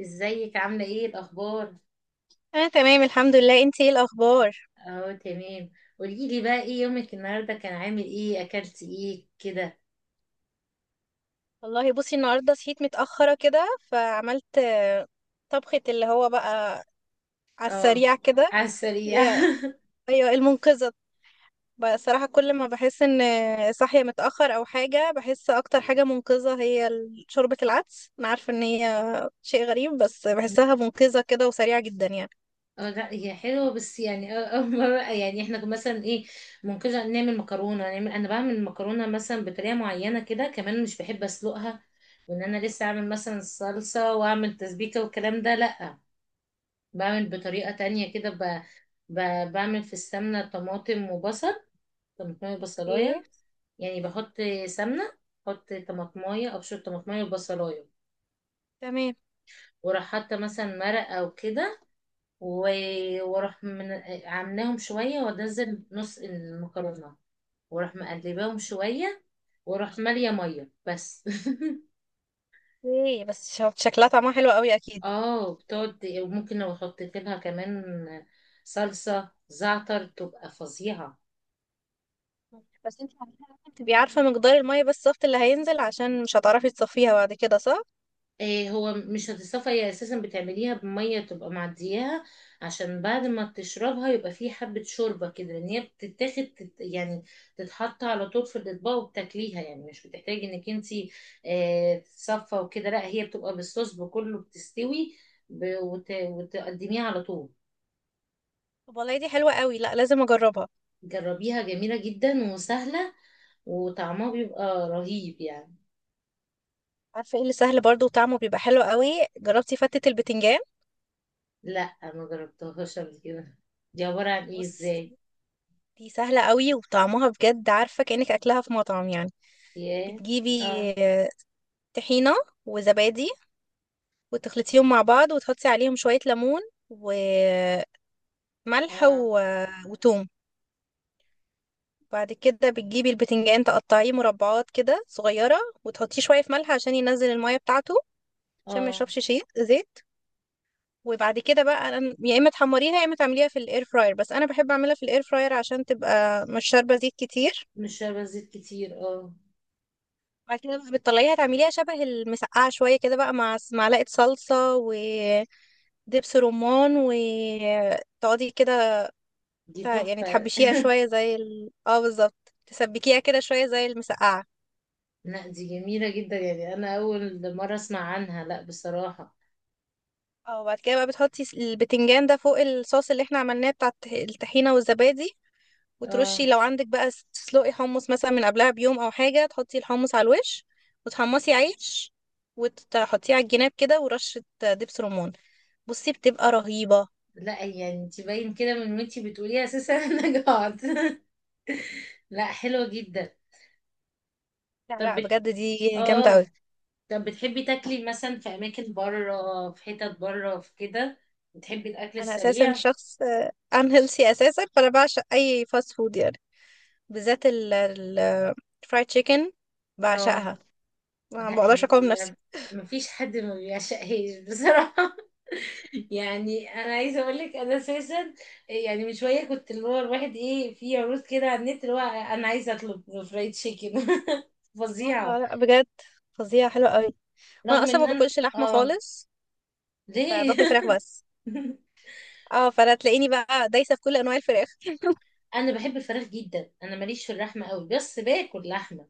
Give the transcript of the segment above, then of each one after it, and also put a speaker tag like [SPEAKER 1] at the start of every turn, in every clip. [SPEAKER 1] ازيك عاملة ايه الأخبار؟
[SPEAKER 2] انا تمام، الحمد لله. انتي ايه الاخبار؟
[SPEAKER 1] اهو تمام. قوليلي بقى ايه يومك النهاردة، كان عامل ايه، أكلت ايه كده؟
[SPEAKER 2] والله بصي، النهارده صحيت متاخره كده فعملت طبخه اللي هو بقى، على
[SPEAKER 1] اه،
[SPEAKER 2] السريع كده.
[SPEAKER 1] على
[SPEAKER 2] اللي
[SPEAKER 1] السريع.
[SPEAKER 2] هي- ايوه المنقذه. بصراحه كل ما بحس ان صاحيه متاخر او حاجه، بحس اكتر حاجه منقذه هي شوربه العدس. انا عارفه ان هي شيء غريب بس بحسها منقذه كده وسريعه جدا يعني.
[SPEAKER 1] اه لا هي حلوة، بس يعني أول مرة، يعني احنا كنا مثلا ايه، ممكن نعمل مكرونة. نعمل، انا بعمل مكرونة مثلا بطريقة معينة كده، كمان مش بحب اسلقها وان انا لسه اعمل مثلا الصلصة واعمل تسبيكة والكلام ده، لا بعمل بطريقة تانية كده. ب... بعمل في السمنة طماطم وبصل، طماطم
[SPEAKER 2] ايه،
[SPEAKER 1] وبصلاية. يعني بحط سمنة، بحط طماطماية، أبشر طماطماية وبصلاية،
[SPEAKER 2] تمام.
[SPEAKER 1] وراح حاطة مثلا مرق أو كده، واروح عاملاهم شوية، وانزل نص المكرونة، واروح مقلباهم شوية، واروح مالية مية بس.
[SPEAKER 2] ايه، بس شكلها طعمها حلو قوي اكيد.
[SPEAKER 1] اه، بتقعد. وممكن لو حطيت لها كمان صلصة زعتر، تبقى فظيعة.
[SPEAKER 2] بس انت بتبقي عارفة مقدار المية، بس الصفت اللي هينزل عشان مش هتعرفي تصفيها بعد كده، صح؟
[SPEAKER 1] إيه، هو مش هتصفى، هي اساسا بتعمليها بميه تبقى معدياها، عشان بعد ما تشربها يبقى فيه حبه شوربه كده، لان هي بتتاخد يعني تتحط على طول في الاطباق وبتاكليها. يعني مش بتحتاجي انك انتي إيه، تصفى وكده، لا، هي بتبقى بالصوص بكله بتستوي، ب- وت وتقدميها على طول.
[SPEAKER 2] طب والله دي حلوة قوي، لا لازم اجربها.
[SPEAKER 1] جربيها، جميله جدا وسهله، وطعمها بيبقى رهيب يعني.
[SPEAKER 2] عارفة ايه اللي سهل برضو وطعمه بيبقى حلو قوي؟ جربتي فتة البتنجان؟
[SPEAKER 1] لا ما جربتهاش قبل كده، دي عباره عن ايه؟
[SPEAKER 2] بصي،
[SPEAKER 1] ازاي؟
[SPEAKER 2] دي سهلة قوي وطعمها بجد عارفة كأنك اكلها في مطعم يعني.
[SPEAKER 1] ياه،
[SPEAKER 2] بتجيبي
[SPEAKER 1] اه،
[SPEAKER 2] طحينة وزبادي وتخلطيهم مع بعض وتحطي عليهم شوية ليمون وملح
[SPEAKER 1] اه،
[SPEAKER 2] وتوم. بعد كده بتجيبي البتنجان تقطعيه مربعات كده صغيرة، وتحطيه شوية في ملح عشان ينزل المية بتاعته، عشان ما
[SPEAKER 1] اه،
[SPEAKER 2] يشربش شيء زيت. وبعد كده بقى يا اما تحمريها يا اما تعمليها في الاير فراير، بس انا بحب اعملها في الاير فراير عشان تبقى مش شاربة زيت كتير.
[SPEAKER 1] مش شاربة زيت كتير، اه.
[SPEAKER 2] بعد كده بقى بتطلعيها تعمليها شبه المسقعة شوية كده بقى، مع معلقة صلصة ودبس رمان، وتقعدي كده
[SPEAKER 1] دي
[SPEAKER 2] يعني
[SPEAKER 1] تحفة.
[SPEAKER 2] تحبشيها شوية زي اه، بالظبط تسبكيها كده شوية زي المسقعة.
[SPEAKER 1] لا دي جميلة جدا، يعني انا اول مرة اسمع عنها، لا بصراحة.
[SPEAKER 2] اه، وبعد كده بقى بتحطي البتنجان ده فوق الصوص اللي احنا عملناه بتاع الطحينة والزبادي.
[SPEAKER 1] اه،
[SPEAKER 2] وترشي لو عندك بقى، تسلقي حمص مثلا من قبلها بيوم او حاجة، تحطي الحمص على الوش، وتحمصي عيش وتحطيه على الجناب كده، ورشة دبس رمان. بصي بتبقى رهيبة.
[SPEAKER 1] لا يعني انت باين كده من وانتي بتقولي اساسا. انا جعت. لا حلوة جدا.
[SPEAKER 2] لا
[SPEAKER 1] طب
[SPEAKER 2] لا، بجد دي جامدة قوي.
[SPEAKER 1] اه، طب بتحبي تاكلي مثلا في اماكن بره، في حتت بره في كده، بتحبي الاكل
[SPEAKER 2] انا اساسا
[SPEAKER 1] السريع؟
[SPEAKER 2] شخص انهيلثي اساسا، فانا بعشق اي فاست فود يعني. بالذات الفرايد تشيكن،
[SPEAKER 1] اه،
[SPEAKER 2] بعشقها. ما
[SPEAKER 1] لا
[SPEAKER 2] بقدرش اقاوم نفسي.
[SPEAKER 1] هي، مفيش حد ما بيعشقهاش بصراحة. يعني انا عايزه اقول لك انا اساسا، يعني من شويه كنت اللي هو الواحد ايه، في عروض كده على النت، اللي هو انا عايزه اطلب فرايد تشيكن. فظيعه.
[SPEAKER 2] اه، لا بجد فظيعة حلوة قوي. وانا
[SPEAKER 1] رغم
[SPEAKER 2] اصلا
[SPEAKER 1] ان
[SPEAKER 2] ما
[SPEAKER 1] انا
[SPEAKER 2] باكلش لحمه
[SPEAKER 1] اه،
[SPEAKER 2] خالص.
[SPEAKER 1] ليه؟
[SPEAKER 2] فباكل فراخ بس. اه، فانا تلاقيني بقى دايسه في كل انواع الفراخ.
[SPEAKER 1] انا بحب الفراخ جدا، انا ماليش في اللحمه قوي، بس باكل لحمه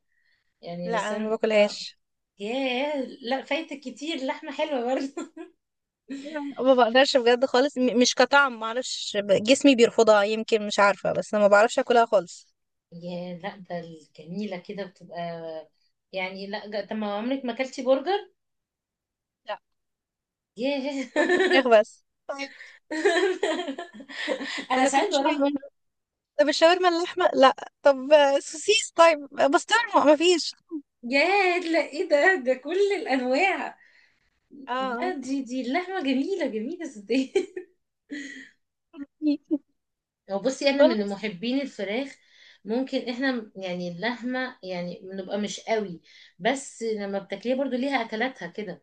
[SPEAKER 1] يعني.
[SPEAKER 2] لا،
[SPEAKER 1] بس
[SPEAKER 2] انا ما
[SPEAKER 1] انا اه،
[SPEAKER 2] باكلهاش.
[SPEAKER 1] ياه، لا فايتك كتير، لحمه حلوه برضه.
[SPEAKER 2] ما بقدرش بجد خالص، مش كطعم، ما اعرفش، جسمي بيرفضها يمكن، مش عارفه، بس انا ما بعرفش اكلها خالص.
[SPEAKER 1] ياه، لا ده الجميله كده بتبقى، يعني لا طب ما عمرك ما اكلتي برجر؟
[SPEAKER 2] لا،
[SPEAKER 1] ياه.
[SPEAKER 2] باكل فراخ بس، طيب.
[SPEAKER 1] انا
[SPEAKER 2] وانا كل
[SPEAKER 1] ساعات بروح.
[SPEAKER 2] شويه بقول، طب الشاورما اللحمه لا، طب سوسيس طيب، بسطرمه ما فيش.
[SPEAKER 1] يا، لا ايه ده؟ ده كل الانواع. لا
[SPEAKER 2] اه
[SPEAKER 1] دي، دي اللحمه جميله، جميله ازاي. هو بصي انا
[SPEAKER 2] والله،
[SPEAKER 1] من محبين الفراخ. ممكن احنا يعني اللحمه يعني بنبقى مش قوي، بس لما بتاكليها برضو ليها اكلاتها كده.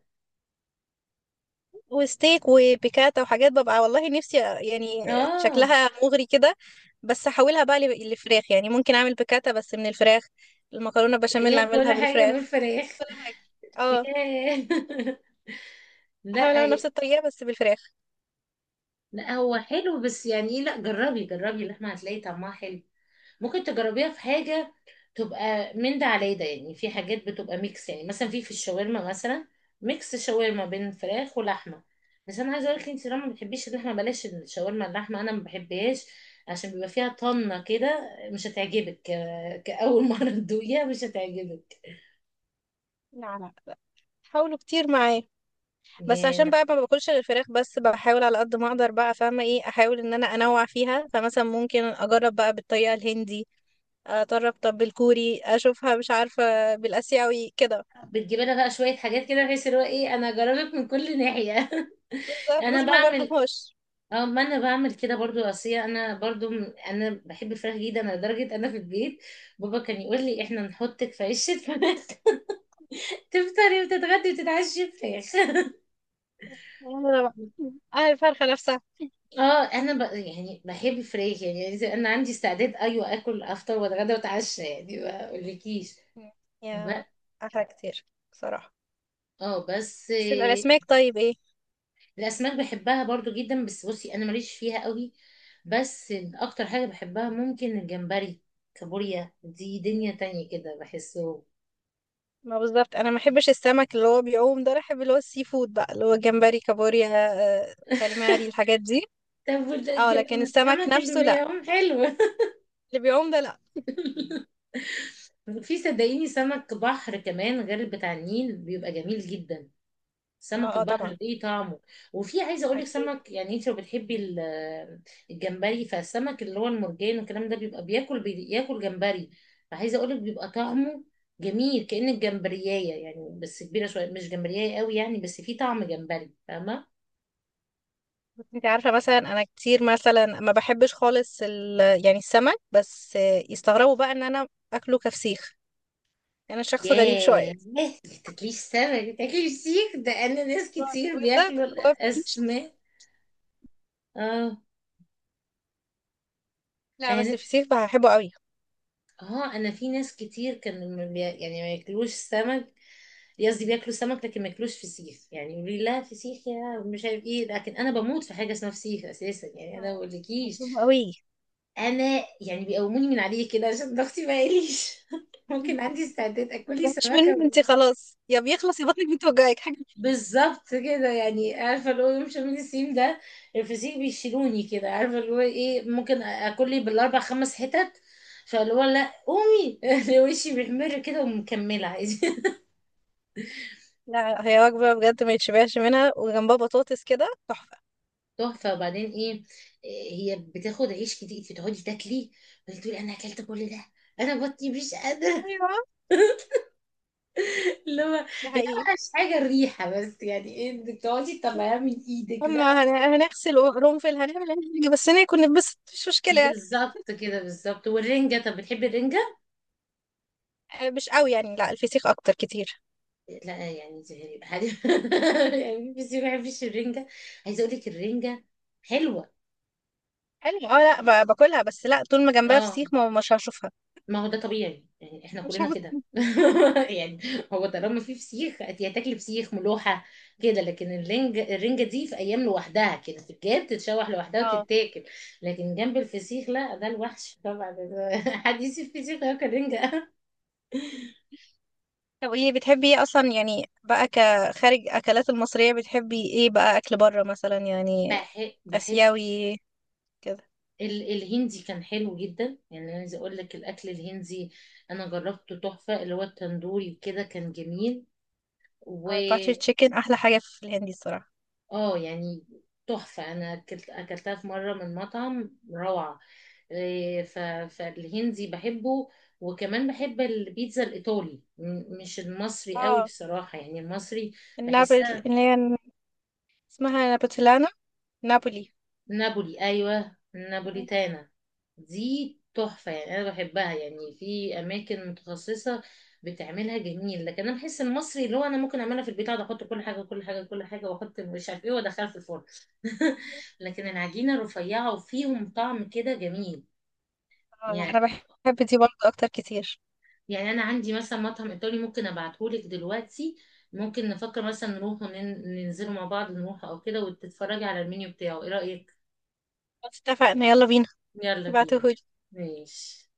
[SPEAKER 2] وستيك وبيكاتا وحاجات ببقى والله نفسي يعني،
[SPEAKER 1] اه
[SPEAKER 2] شكلها مغري كده. بس احولها بقى لفراخ يعني، ممكن اعمل بيكاتا بس من الفراخ، المكرونه
[SPEAKER 1] يعني
[SPEAKER 2] بشاميل
[SPEAKER 1] هي كل
[SPEAKER 2] اعملها
[SPEAKER 1] حاجه من
[SPEAKER 2] بالفراخ.
[SPEAKER 1] الفراخ.
[SPEAKER 2] اه،
[SPEAKER 1] ياه. لا
[SPEAKER 2] احاول اعمل نفس الطريقه بس بالفراخ.
[SPEAKER 1] لا هو حلو، بس يعني ايه، لا جربي، جربي اللحمه هتلاقي طعمها حلو. ممكن تجربيها في حاجة تبقى من ده على ده، يعني في حاجات بتبقى ميكس، يعني مثلا في الشاورما مثلا، ميكس شاورما بين فراخ ولحمة. بس انا عايزه اقول لك، انت لما ما بتحبيش اللحمه، بلاش الشاورما اللحمه، انا ما بحبهاش، عشان بيبقى فيها طنه كده مش هتعجبك، كاول مره تدوقيها مش هتعجبك
[SPEAKER 2] لا لا لا، حاولوا كتير معايا. بس عشان
[SPEAKER 1] يعني.
[SPEAKER 2] بقى ما باكلش غير الفراخ، بس بحاول على قد ما اقدر بقى، فاهمه ايه، احاول ان انا انوع فيها. فمثلا ممكن اجرب بقى بالطريقه الهندي، اجرب طب بالكوري، اشوفها مش عارفه بالاسيوي كده.
[SPEAKER 1] بتجيب لها بقى شويه حاجات كده، بحيث اللي هو ايه، انا جربت من كل ناحيه.
[SPEAKER 2] بالظبط،
[SPEAKER 1] انا
[SPEAKER 2] بصي ما
[SPEAKER 1] بعمل،
[SPEAKER 2] برحمهاش.
[SPEAKER 1] اه ما انا بعمل كده برضو، اصية انا برضو انا بحب الفراخ جدا، انا لدرجة انا في البيت بابا كان يقول لي احنا نحطك في عيش الفراخ. تفطري وتتغدي وتتعشي فراخ.
[SPEAKER 2] انا بقى اه الفرخة نفسها.
[SPEAKER 1] اه انا يعني بحب الفراخ، يعني يعني انا عندي استعداد ايوه اكل افطر واتغدى واتعشى، يعني ما اقولكيش
[SPEAKER 2] مم. يا،
[SPEAKER 1] بقى.
[SPEAKER 2] احلى كتير بصراحة.
[SPEAKER 1] اه بس
[SPEAKER 2] بس الاسماك طيب ايه؟
[SPEAKER 1] الاسماك بحبها برضو جدا، بس بصي انا ماليش فيها قوي. بس اكتر حاجة بحبها ممكن الجمبري، كابوريا، دي
[SPEAKER 2] مم.
[SPEAKER 1] دنيا تانية كده بحسه.
[SPEAKER 2] ما بالظبط، انا ما بحبش السمك اللي هو بيعوم ده، انا بحب اللي هو السي فود بقى، اللي هو جمبري كابوريا، كاليماري الحاجات دي.
[SPEAKER 1] طب
[SPEAKER 2] اه لكن السمك
[SPEAKER 1] السمك اللي
[SPEAKER 2] نفسه لا.
[SPEAKER 1] بيعوم حلو.
[SPEAKER 2] اللي بيعوم ده لا.
[SPEAKER 1] في، صدقيني، سمك بحر كمان غير بتاع النيل بيبقى جميل جدا، سمك
[SPEAKER 2] اه اه، طبعا.
[SPEAKER 1] البحر ليه طعمه. وفي عايزه اقول لك
[SPEAKER 2] اكيد.
[SPEAKER 1] سمك، يعني انت لو بتحبي الجمبري، فالسمك اللي هو المرجان والكلام ده بيبقى بياكل، بياكل جمبري، فعايزه اقول لك بيبقى طعمه جميل، كأن الجمبريايه يعني بس كبيره شويه، مش جمبريايه قوي يعني، بس في طعم جمبري، فاهمه؟
[SPEAKER 2] بس انت عارفه مثلا، انا كتير مثلا ما بحبش خالص يعني السمك بس، يستغربوا بقى ان انا اكله كفسيخ. يعني انا شخص غريب شويه،
[SPEAKER 1] ياه، ما تاكليش سمك، ما تاكليش سيخ، ده انا ناس كتير
[SPEAKER 2] بالذات.
[SPEAKER 1] بياكلوا
[SPEAKER 2] هو فسيخ-
[SPEAKER 1] الاسماك. اه،
[SPEAKER 2] لا، بس
[SPEAKER 1] انا
[SPEAKER 2] الفسيخ بحبه قوي.
[SPEAKER 1] اه، انا في ناس كتير كانوا ما بي- يعني ما ياكلوش سمك، قصدي بياكلوا سمك لكن ما ياكلوش فسيخ، يعني يقولوا لي لا فسيخ، يا مش عارف ايه، لكن انا بموت في حاجه اسمها فسيخ اساسا، يعني انا ما
[SPEAKER 2] آه،
[SPEAKER 1] بقولكيش.
[SPEAKER 2] مظلوم قوي.
[SPEAKER 1] انا يعني بيقوموني من عليه كده عشان ضغطي ما يقليش.
[SPEAKER 2] ما
[SPEAKER 1] ممكن عندي استعداد اكل لي
[SPEAKER 2] مش
[SPEAKER 1] سمكه.
[SPEAKER 2] منه، انت خلاص، يا بيخلص يا بطنك بتوجعك حاجه.
[SPEAKER 1] بالظبط كده، يعني عارفه اللي هو يوم شم النسيم ده، الفسيخ بيشيلوني كده، عارفه اللي هو ايه، ممكن اكل لي بالاربع خمس حتت، فاللي هو لا قومي. وشي بيحمر كده ومكمله عادي.
[SPEAKER 2] لا، هي وجبه بجد ما يتشبعش منها، وجنبها بطاطس كده تحفه.
[SPEAKER 1] تحفه. وبعدين ايه، هي بتاخد عيش كتير، فتقعدي تاكلي، بتقولي انا اكلت كل ده، انا بطني مش قادره.
[SPEAKER 2] ايوه،
[SPEAKER 1] اللي هو،
[SPEAKER 2] ده
[SPEAKER 1] هي
[SPEAKER 2] حقيقي.
[SPEAKER 1] اوحش حاجه الريحه، بس يعني ايه، انك تقعدي تطلعيها من ايدك بقى.
[SPEAKER 2] اما هنغسل قرنفل، هنعمل اي حاجه، بس ناكل نتبسط مش مشكله يعني.
[SPEAKER 1] بالظبط كده، بالظبط. والرنجه، طب بتحبي الرنجه؟
[SPEAKER 2] مش قوي يعني، لا الفسيخ اكتر كتير.
[SPEAKER 1] لا يعني زهري حد يعني، بس ما بيحبش الرنجة. عايزة اقول لك الرنجة حلوة.
[SPEAKER 2] حلو اه. لا باكلها، بس لا طول ما جنبها
[SPEAKER 1] اه
[SPEAKER 2] فسيخ ما مش هشوفها.
[SPEAKER 1] ما هو ده طبيعي، يعني احنا
[SPEAKER 2] مش
[SPEAKER 1] كلنا
[SPEAKER 2] هبص.
[SPEAKER 1] كده. يعني هو طالما في فسيخ هتاكلي فسيخ ملوحة كده. لكن الرنجة، الرنجة دي في ايام لوحدها كده، في الجاب تتشوح لوحدها
[SPEAKER 2] اه،
[SPEAKER 1] وتتاكل، لكن جنب الفسيخ لا، ده الوحش طبعا، ده حديث الفسيخ ياكل رنجة.
[SPEAKER 2] طب ايه بتحبي ايه اصلا يعني بقى، كخارج اكلات المصريه بتحبي ايه بقى، اكل بره مثلا يعني،
[SPEAKER 1] بحب
[SPEAKER 2] اسيوي كده؟
[SPEAKER 1] الهندي، كان حلو جدا، يعني عايزه اقول لك الاكل الهندي انا جربته تحفه، اللي هو التندوري كده كان جميل. و
[SPEAKER 2] اه، الباتر تشيكن احلى حاجه في الهندي الصراحه.
[SPEAKER 1] اه يعني تحفه، انا اكلت، اكلتها في مره من مطعم روعه. إيه، فالهندي بحبه. وكمان بحب البيتزا الايطالي، مش المصري قوي
[SPEAKER 2] اه
[SPEAKER 1] بصراحه، يعني المصري
[SPEAKER 2] النابل
[SPEAKER 1] بحسها،
[SPEAKER 2] اللي هي اسمها نابتلانا، نابولي.
[SPEAKER 1] نابولي، ايوه النابوليتانا، دي تحفه، يعني انا بحبها، يعني في اماكن متخصصه بتعملها جميل، لكن انا بحس المصري اللي هو انا ممكن اعملها في البيت، اقعد احط كل حاجه كل حاجه كل حاجه واحط مش عارف ايه وادخلها في الفرن. لكن العجينه رفيعه وفيهم طعم كده جميل
[SPEAKER 2] اه، انا
[SPEAKER 1] يعني.
[SPEAKER 2] بحب دي برضه اكتر كتير.
[SPEAKER 1] يعني انا عندي مثلا مطعم ايطالي ممكن ابعتهولك دلوقتي، ممكن نفكر مثلا نروح وننزلوا مع بعض نروح او كده، وتتفرجي على المنيو بتاعه، ايه رايك؟
[SPEAKER 2] خلاص اتفقنا، يلا بينا.
[SPEAKER 1] يلا بينا،
[SPEAKER 2] ابعتهولي.
[SPEAKER 1] ماشي.